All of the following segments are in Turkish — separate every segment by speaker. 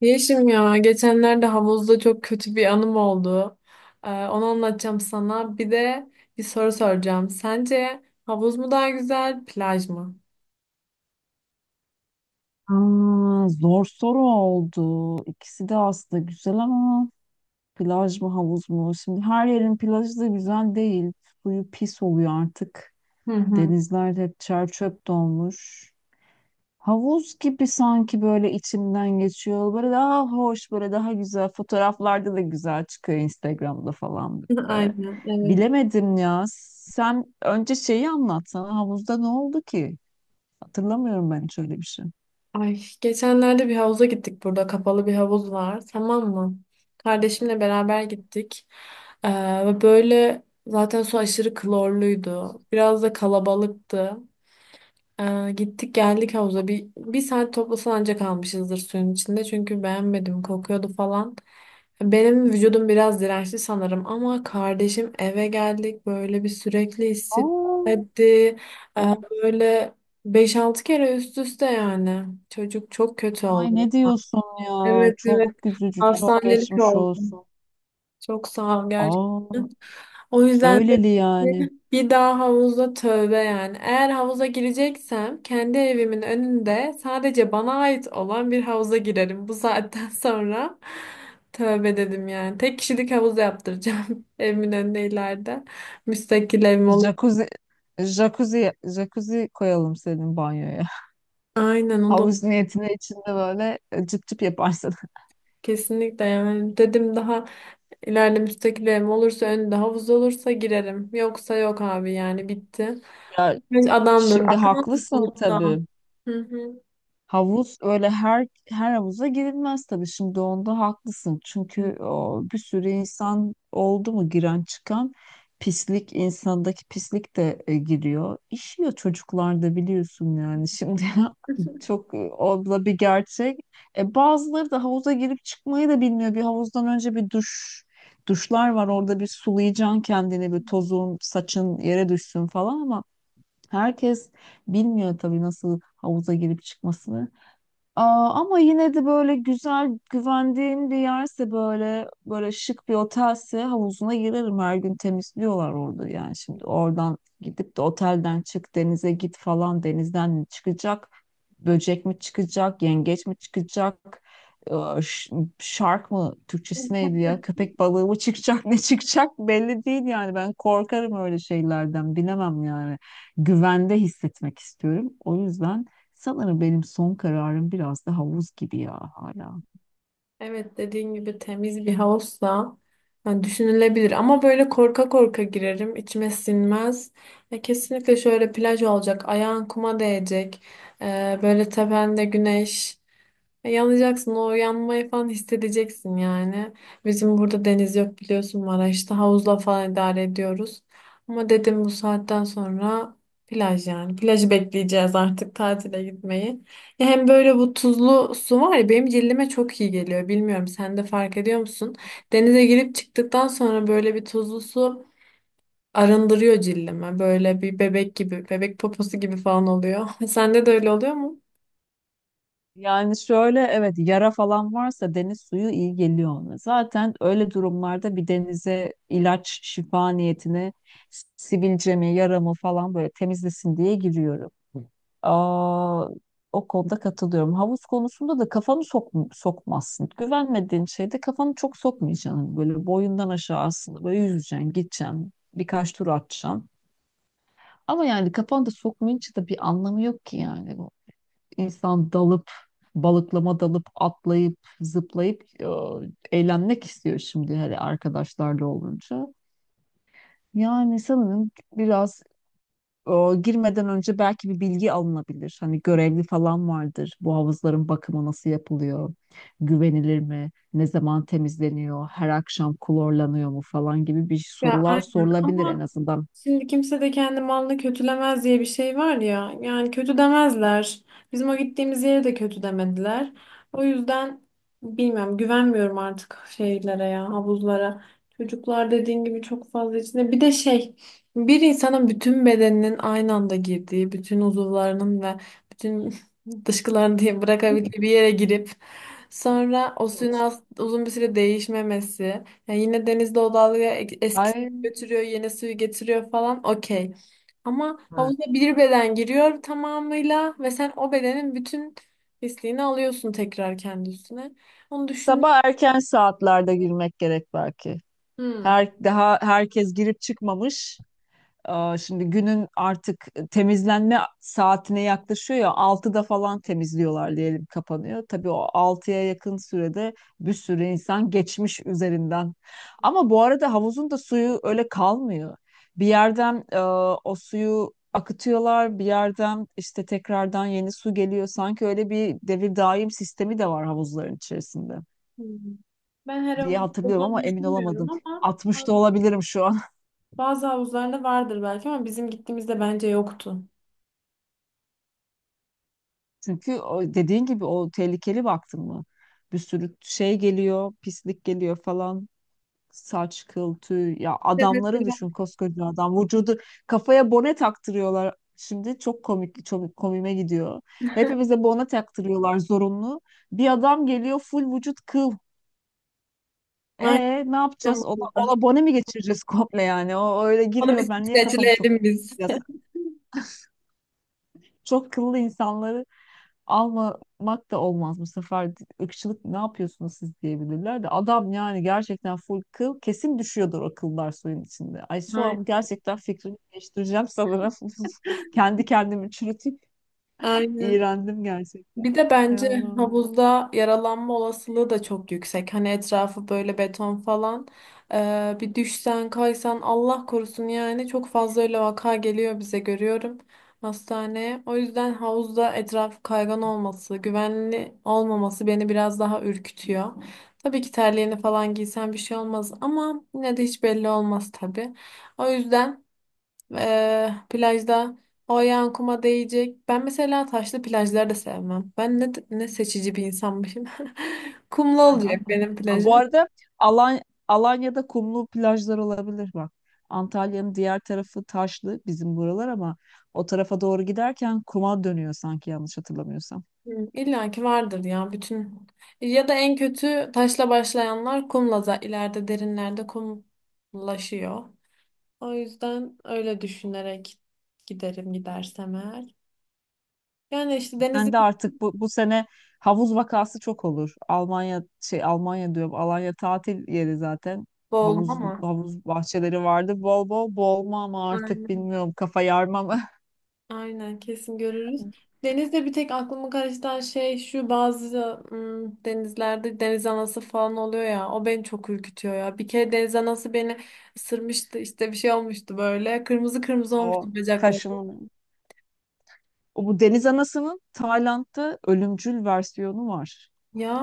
Speaker 1: Yeşim ya geçenlerde havuzda çok kötü bir anım oldu. Onu anlatacağım sana. Bir de bir soru soracağım. Sence havuz mu daha güzel, plaj mı?
Speaker 2: Zor soru oldu. İkisi de aslında güzel ama plaj mı havuz mu? Şimdi her yerin plajı da güzel değil. Suyu pis oluyor artık.
Speaker 1: Hı hı.
Speaker 2: Denizler hep çer çöp dolmuş. Havuz gibi sanki böyle içimden geçiyor. Böyle daha hoş, böyle daha güzel. Fotoğraflarda da güzel çıkıyor Instagram'da falan böyle.
Speaker 1: Aynen, evet.
Speaker 2: Bilemedim ya. Sen önce şeyi anlatsana. Havuzda ne oldu ki? Hatırlamıyorum ben hiç öyle bir şey.
Speaker 1: Ay, geçenlerde bir havuza gittik burada. Kapalı bir havuz var, tamam mı? Kardeşimle beraber gittik. Ve böyle zaten su aşırı klorluydu. Biraz da kalabalıktı. Gittik geldik havuza. Bir saat toplasan ancak kalmışızdır suyun içinde. Çünkü beğenmedim. Kokuyordu falan. Benim vücudum biraz dirençli sanırım. Ama kardeşim eve geldik. Böyle bir sürekli
Speaker 2: Aa,
Speaker 1: hissetti.
Speaker 2: o
Speaker 1: Böyle beş altı kere üst üste yani. Çocuk çok kötü
Speaker 2: Ay,
Speaker 1: oldu.
Speaker 2: ne diyorsun ya?
Speaker 1: Evet, evet.
Speaker 2: Çok üzücü, çok
Speaker 1: Hastanelik
Speaker 2: geçmiş
Speaker 1: oldu.
Speaker 2: olsun.
Speaker 1: Çok sağ ol gerçekten.
Speaker 2: Aa,
Speaker 1: O yüzden de
Speaker 2: Öyleli yani.
Speaker 1: bir daha havuza tövbe yani. Eğer havuza gireceksem kendi evimin önünde sadece bana ait olan bir havuza girerim. Bu saatten sonra tövbe dedim yani. Tek kişilik havuz yaptıracağım evimin önüne ileride. Müstakil evim olur.
Speaker 2: Jacuzzi, jacuzzi jacuzzi koyalım senin banyoya.
Speaker 1: Aynen, o da olur.
Speaker 2: Havuz niyetine içinde böyle cıp cıp yaparsın.
Speaker 1: Kesinlikle yani. Dedim daha ileride müstakil evim olursa önünde havuz olursa girerim. Yoksa yok abi yani bitti.
Speaker 2: Ya
Speaker 1: Adamdır.
Speaker 2: şimdi
Speaker 1: Akıllı
Speaker 2: haklısın
Speaker 1: da.
Speaker 2: tabii.
Speaker 1: Hı
Speaker 2: Havuz öyle her havuza girilmez tabii. Şimdi onda haklısın. Çünkü o, bir sürü insan oldu mu giren çıkan pislik, insandaki pislik de giriyor. İşiyor çocuklarda, biliyorsun yani. Şimdi
Speaker 1: hı.
Speaker 2: çok o da bir gerçek. Bazıları da havuza girip çıkmayı da bilmiyor. Bir havuzdan önce bir duşlar var. Orada bir sulayacaksın kendini, bir tozun, saçın yere düşsün falan ama herkes bilmiyor tabii nasıl havuza girip çıkmasını. Ama yine de böyle güzel güvendiğim bir yerse, böyle böyle şık bir otelse, havuzuna girerim. Her gün temizliyorlar orada yani. Şimdi oradan gidip de otelden çık, denize git falan, denizden mi çıkacak, böcek mi çıkacak, yengeç mi çıkacak, Ee, ş- shark mı, Türkçesi neydi ya, köpek balığı mı çıkacak? Ne çıkacak belli değil yani. Ben korkarım öyle şeylerden, bilemem yani. Güvende hissetmek istiyorum, o yüzden sanırım benim son kararım biraz da havuz gibi ya hala.
Speaker 1: Evet, dediğin gibi temiz bir havuzsa yani düşünülebilir ama böyle korka korka girerim, içime sinmez. E, kesinlikle şöyle plaj olacak, ayağın kuma değecek. E, böyle tepende güneş, yanacaksın, o yanmayı falan hissedeceksin yani. Bizim burada deniz yok, biliyorsun, Maraş'ta havuzla falan idare ediyoruz. Ama dedim bu saatten sonra plaj yani. Plajı bekleyeceğiz artık, tatile gitmeyi. Ya hem böyle bu tuzlu su var ya, benim cildime çok iyi geliyor. Bilmiyorum, sen de fark ediyor musun? Denize girip çıktıktan sonra böyle bir tuzlu su arındırıyor cildime. Böyle bir bebek gibi, bebek poposu gibi falan oluyor. Sende de öyle oluyor mu?
Speaker 2: Yani şöyle, evet, yara falan varsa deniz suyu iyi geliyor ona. Zaten öyle durumlarda bir denize ilaç şifa niyetine sivilcemi, yaramı falan böyle temizlesin diye giriyorum. Aa, O konuda katılıyorum. Havuz konusunda da kafanı sok sokmazsın. Güvenmediğin şeyde kafanı çok sokmayacaksın. Böyle boyundan aşağı aslında böyle yüzeceksin, gideceksin, birkaç tur atacaksın. Ama yani kafanda sokmayınca da bir anlamı yok ki yani bu. İnsan dalıp, Balıklama dalıp, atlayıp, zıplayıp eğlenmek istiyor şimdi, hele arkadaşlarla olunca. Yani sanırım biraz, e, girmeden önce belki bir bilgi alınabilir. Hani görevli falan vardır. Bu havuzların bakımı nasıl yapılıyor? Güvenilir mi? Ne zaman temizleniyor? Her akşam klorlanıyor mu falan gibi bir
Speaker 1: Ya
Speaker 2: sorular
Speaker 1: aynen
Speaker 2: sorulabilir en
Speaker 1: ama
Speaker 2: azından.
Speaker 1: şimdi kimse de kendi malını kötülemez diye bir şey var ya. Yani kötü demezler. Bizim o gittiğimiz yere de kötü demediler. O yüzden bilmiyorum, güvenmiyorum artık şeylere ya, havuzlara. Çocuklar dediğin gibi çok fazla içinde. Bir de şey, bir insanın bütün bedeninin aynı anda girdiği, bütün uzuvlarının ve bütün dışkılarını diye bırakabildiği bir yere girip sonra o suyun uzun bir süre değişmemesi. Yani yine denizde o dalga eski suyu
Speaker 2: Ay.
Speaker 1: götürüyor, yeni suyu getiriyor falan. Okey. Ama havuza bir beden giriyor tamamıyla ve sen o bedenin bütün pisliğini alıyorsun tekrar kendi üstüne. Onu düşün.
Speaker 2: Sabah erken saatlerde girmek gerek belki.
Speaker 1: Hmm.
Speaker 2: Her daha herkes girip çıkmamış. Şimdi günün artık temizlenme saatine yaklaşıyor ya, 6'da falan temizliyorlar diyelim, kapanıyor. Tabii o altıya yakın sürede bir sürü insan geçmiş üzerinden. Ama bu arada havuzun da suyu öyle kalmıyor. Bir yerden o suyu akıtıyorlar, bir yerden işte tekrardan yeni su geliyor. Sanki öyle bir devir daim sistemi de var havuzların içerisinde
Speaker 1: Hmm. Ben her
Speaker 2: diye
Speaker 1: havuzda
Speaker 2: hatırlıyorum,
Speaker 1: olduğunu
Speaker 2: ama emin
Speaker 1: düşünmüyorum
Speaker 2: olamadım.
Speaker 1: ama
Speaker 2: Altmış da olabilirim şu an.
Speaker 1: bazı havuzlarda vardır belki, ama bizim gittiğimizde bence yoktu.
Speaker 2: Çünkü o dediğin gibi o tehlikeli, baktın mı? Bir sürü şey geliyor, pislik geliyor falan. Saç, kıl, tüy. Ya
Speaker 1: Bir de
Speaker 2: adamları
Speaker 1: mesela
Speaker 2: düşün, koskoca adam. Vücudu kafaya bone taktırıyorlar. Şimdi çok komik, çok komime gidiyor. Hepimize bone taktırıyorlar zorunlu. Bir adam geliyor full vücut kıl. E, ne yapacağız? Ona,
Speaker 1: aynen.
Speaker 2: ona bone mi geçireceğiz komple yani? O öyle
Speaker 1: Onu bir
Speaker 2: giriyor. Ben niye kafamı
Speaker 1: streçleyelim
Speaker 2: sokamıyorum?
Speaker 1: biz.
Speaker 2: Çok kıllı insanları almamak da olmaz bu sefer, ırkçılık, ne yapıyorsunuz siz diyebilirler. De adam yani gerçekten full kıl, kesin düşüyordur o kıllar suyun içinde. Ay şu
Speaker 1: Ay-
Speaker 2: an gerçekten fikrimi değiştireceğim sanırım. Kendi kendimi çürütüp
Speaker 1: aynen.
Speaker 2: iğrendim
Speaker 1: Bir
Speaker 2: gerçekten.
Speaker 1: de
Speaker 2: Ay
Speaker 1: bence
Speaker 2: Allah'ım ya.
Speaker 1: havuzda yaralanma olasılığı da çok yüksek. Hani etrafı böyle beton falan. Bir düşsen kaysan Allah korusun, yani çok fazla öyle vaka geliyor bize, görüyorum hastaneye. O yüzden havuzda etrafı kaygan olması, güvenli olmaması beni biraz daha ürkütüyor. Tabii ki terliğini falan giysen bir şey olmaz ama yine de hiç belli olmaz tabii. O yüzden... plajda o ayağın kuma değecek. Ben mesela taşlı plajları da sevmem. Ben ne seçici bir insanmışım. Kumlu olacak benim
Speaker 2: Bu
Speaker 1: plajım.
Speaker 2: arada Alan Alanya'da kumlu plajlar olabilir bak. Antalya'nın diğer tarafı taşlı, bizim buralar, ama o tarafa doğru giderken kuma dönüyor sanki, yanlış hatırlamıyorsam.
Speaker 1: Hı, İlla ki vardır ya bütün. Ya da en kötü taşla başlayanlar kumla da ileride derinlerde kumlaşıyor. O yüzden öyle düşünerek giderim, gidersem eğer. Yani işte denizi
Speaker 2: Ben de artık bu sene havuz vakası çok olur. Almanya, şey, Almanya diyorum. Alanya tatil yeri zaten.
Speaker 1: boğuldum ama.
Speaker 2: Havuz bahçeleri vardı. Bol bol boğulma, ama artık bilmiyorum, kafa yarma mı?
Speaker 1: Aynen, kesin görürüz. Denizde bir tek aklımı karıştıran şey şu: bazı denizlerde deniz anası falan oluyor ya, o beni çok ürkütüyor ya. Bir kere deniz anası beni ısırmıştı işte, bir şey olmuştu, böyle kırmızı kırmızı
Speaker 2: O
Speaker 1: olmuştu bacakları.
Speaker 2: kaşın O Bu deniz anasının Tayland'da ölümcül versiyonu var.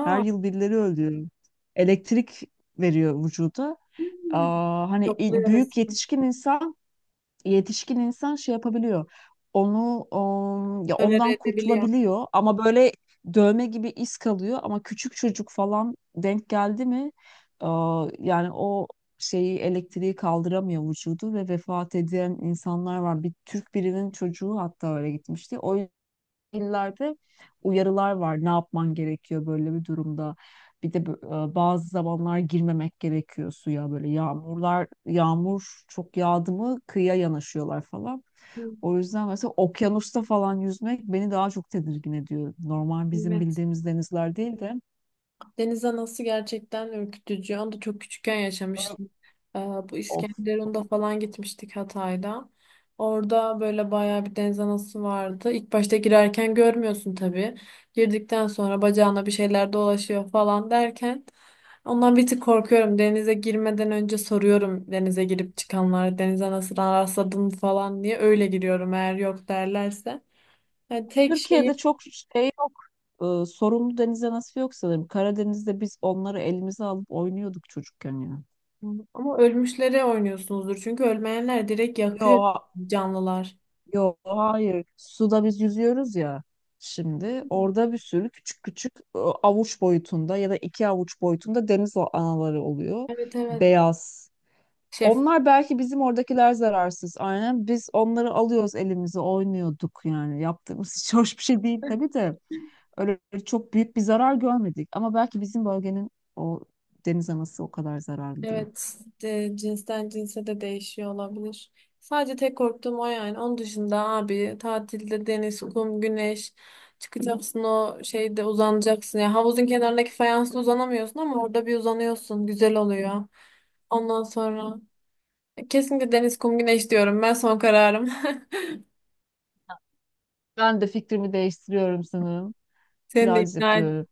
Speaker 2: Her yıl birileri öldürüyor. Elektrik veriyor vücuda.
Speaker 1: hmm. Yokluyor
Speaker 2: Büyük
Speaker 1: resmen.
Speaker 2: yetişkin insan şey yapabiliyor. Onu o, Ya
Speaker 1: Tolere
Speaker 2: ondan
Speaker 1: edebiliyor.
Speaker 2: kurtulabiliyor, ama böyle dövme gibi iz kalıyor. Ama küçük çocuk falan denk geldi mi, yani o şeyi, elektriği kaldıramıyor vücudu ve vefat eden insanlar var. Bir Türk birinin çocuğu hatta öyle gitmişti. O illerde uyarılar var. Ne yapman gerekiyor böyle bir durumda? Bir de bazı zamanlar girmemek gerekiyor suya. Böyle yağmur çok yağdı mı kıyıya yanaşıyorlar falan.
Speaker 1: Hı,
Speaker 2: O yüzden mesela okyanusta falan yüzmek beni daha çok tedirgin ediyor. Normal bizim
Speaker 1: evet.
Speaker 2: bildiğimiz denizler değil de.
Speaker 1: Deniz anası gerçekten ürkütücü. Onu da çok küçükken
Speaker 2: Böyle-
Speaker 1: yaşamıştım. Bu
Speaker 2: Of.
Speaker 1: İskenderun'da falan gitmiştik, Hatay'da. Orada böyle bayağı bir deniz anası vardı. İlk başta girerken görmüyorsun tabii. Girdikten sonra bacağına bir şeyler dolaşıyor falan derken ondan bir tık korkuyorum. Denize girmeden önce soruyorum denize girip çıkanlara, deniz anasına rastladın mı falan diye. Öyle giriyorum eğer yok derlerse. Yani tek şeyi
Speaker 2: Türkiye'de çok şey yok, sorunlu deniz anası yok sanırım. Karadeniz'de biz onları elimize alıp oynuyorduk çocukken ya.
Speaker 1: ama ölmüşlere oynuyorsunuzdur. Çünkü ölmeyenler direkt yakıyor
Speaker 2: Yok
Speaker 1: canlılar.
Speaker 2: Yok hayır. Suda biz yüzüyoruz ya şimdi. Orada bir sürü küçük küçük avuç boyutunda ya da iki avuç boyutunda anaları oluyor.
Speaker 1: Evet, evet.
Speaker 2: Beyaz.
Speaker 1: Şef.
Speaker 2: Onlar, belki bizim oradakiler zararsız. Aynen. Biz onları alıyoruz elimize, oynuyorduk yani. Yaptığımız hiç hoş bir şey değil tabii de. Öyle çok büyük bir zarar görmedik. Ama belki bizim bölgenin o deniz anası o kadar zararlı değil.
Speaker 1: Evet. E, cinsten cinse de değişiyor olabilir. Sadece tek korktuğum o yani. Onun dışında abi tatilde deniz, kum, güneş, çıkacaksın o şeyde uzanacaksın. Ya havuzun kenarındaki fayansla uzanamıyorsun ama orada bir uzanıyorsun. Güzel oluyor. Ondan sonra kesinlikle deniz, kum, güneş diyorum. Ben son kararım.
Speaker 2: Ben de fikrimi değiştiriyorum sanırım.
Speaker 1: Seni de
Speaker 2: Plaj
Speaker 1: ikna.
Speaker 2: yapıyorum.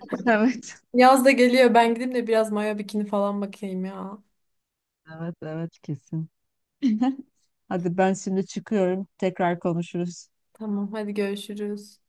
Speaker 2: Evet.
Speaker 1: Yaz da geliyor. Ben gideyim de biraz mayo bikini falan bakayım ya.
Speaker 2: Evet, evet kesin. Hadi ben şimdi çıkıyorum. Tekrar konuşuruz.
Speaker 1: Tamam, hadi görüşürüz.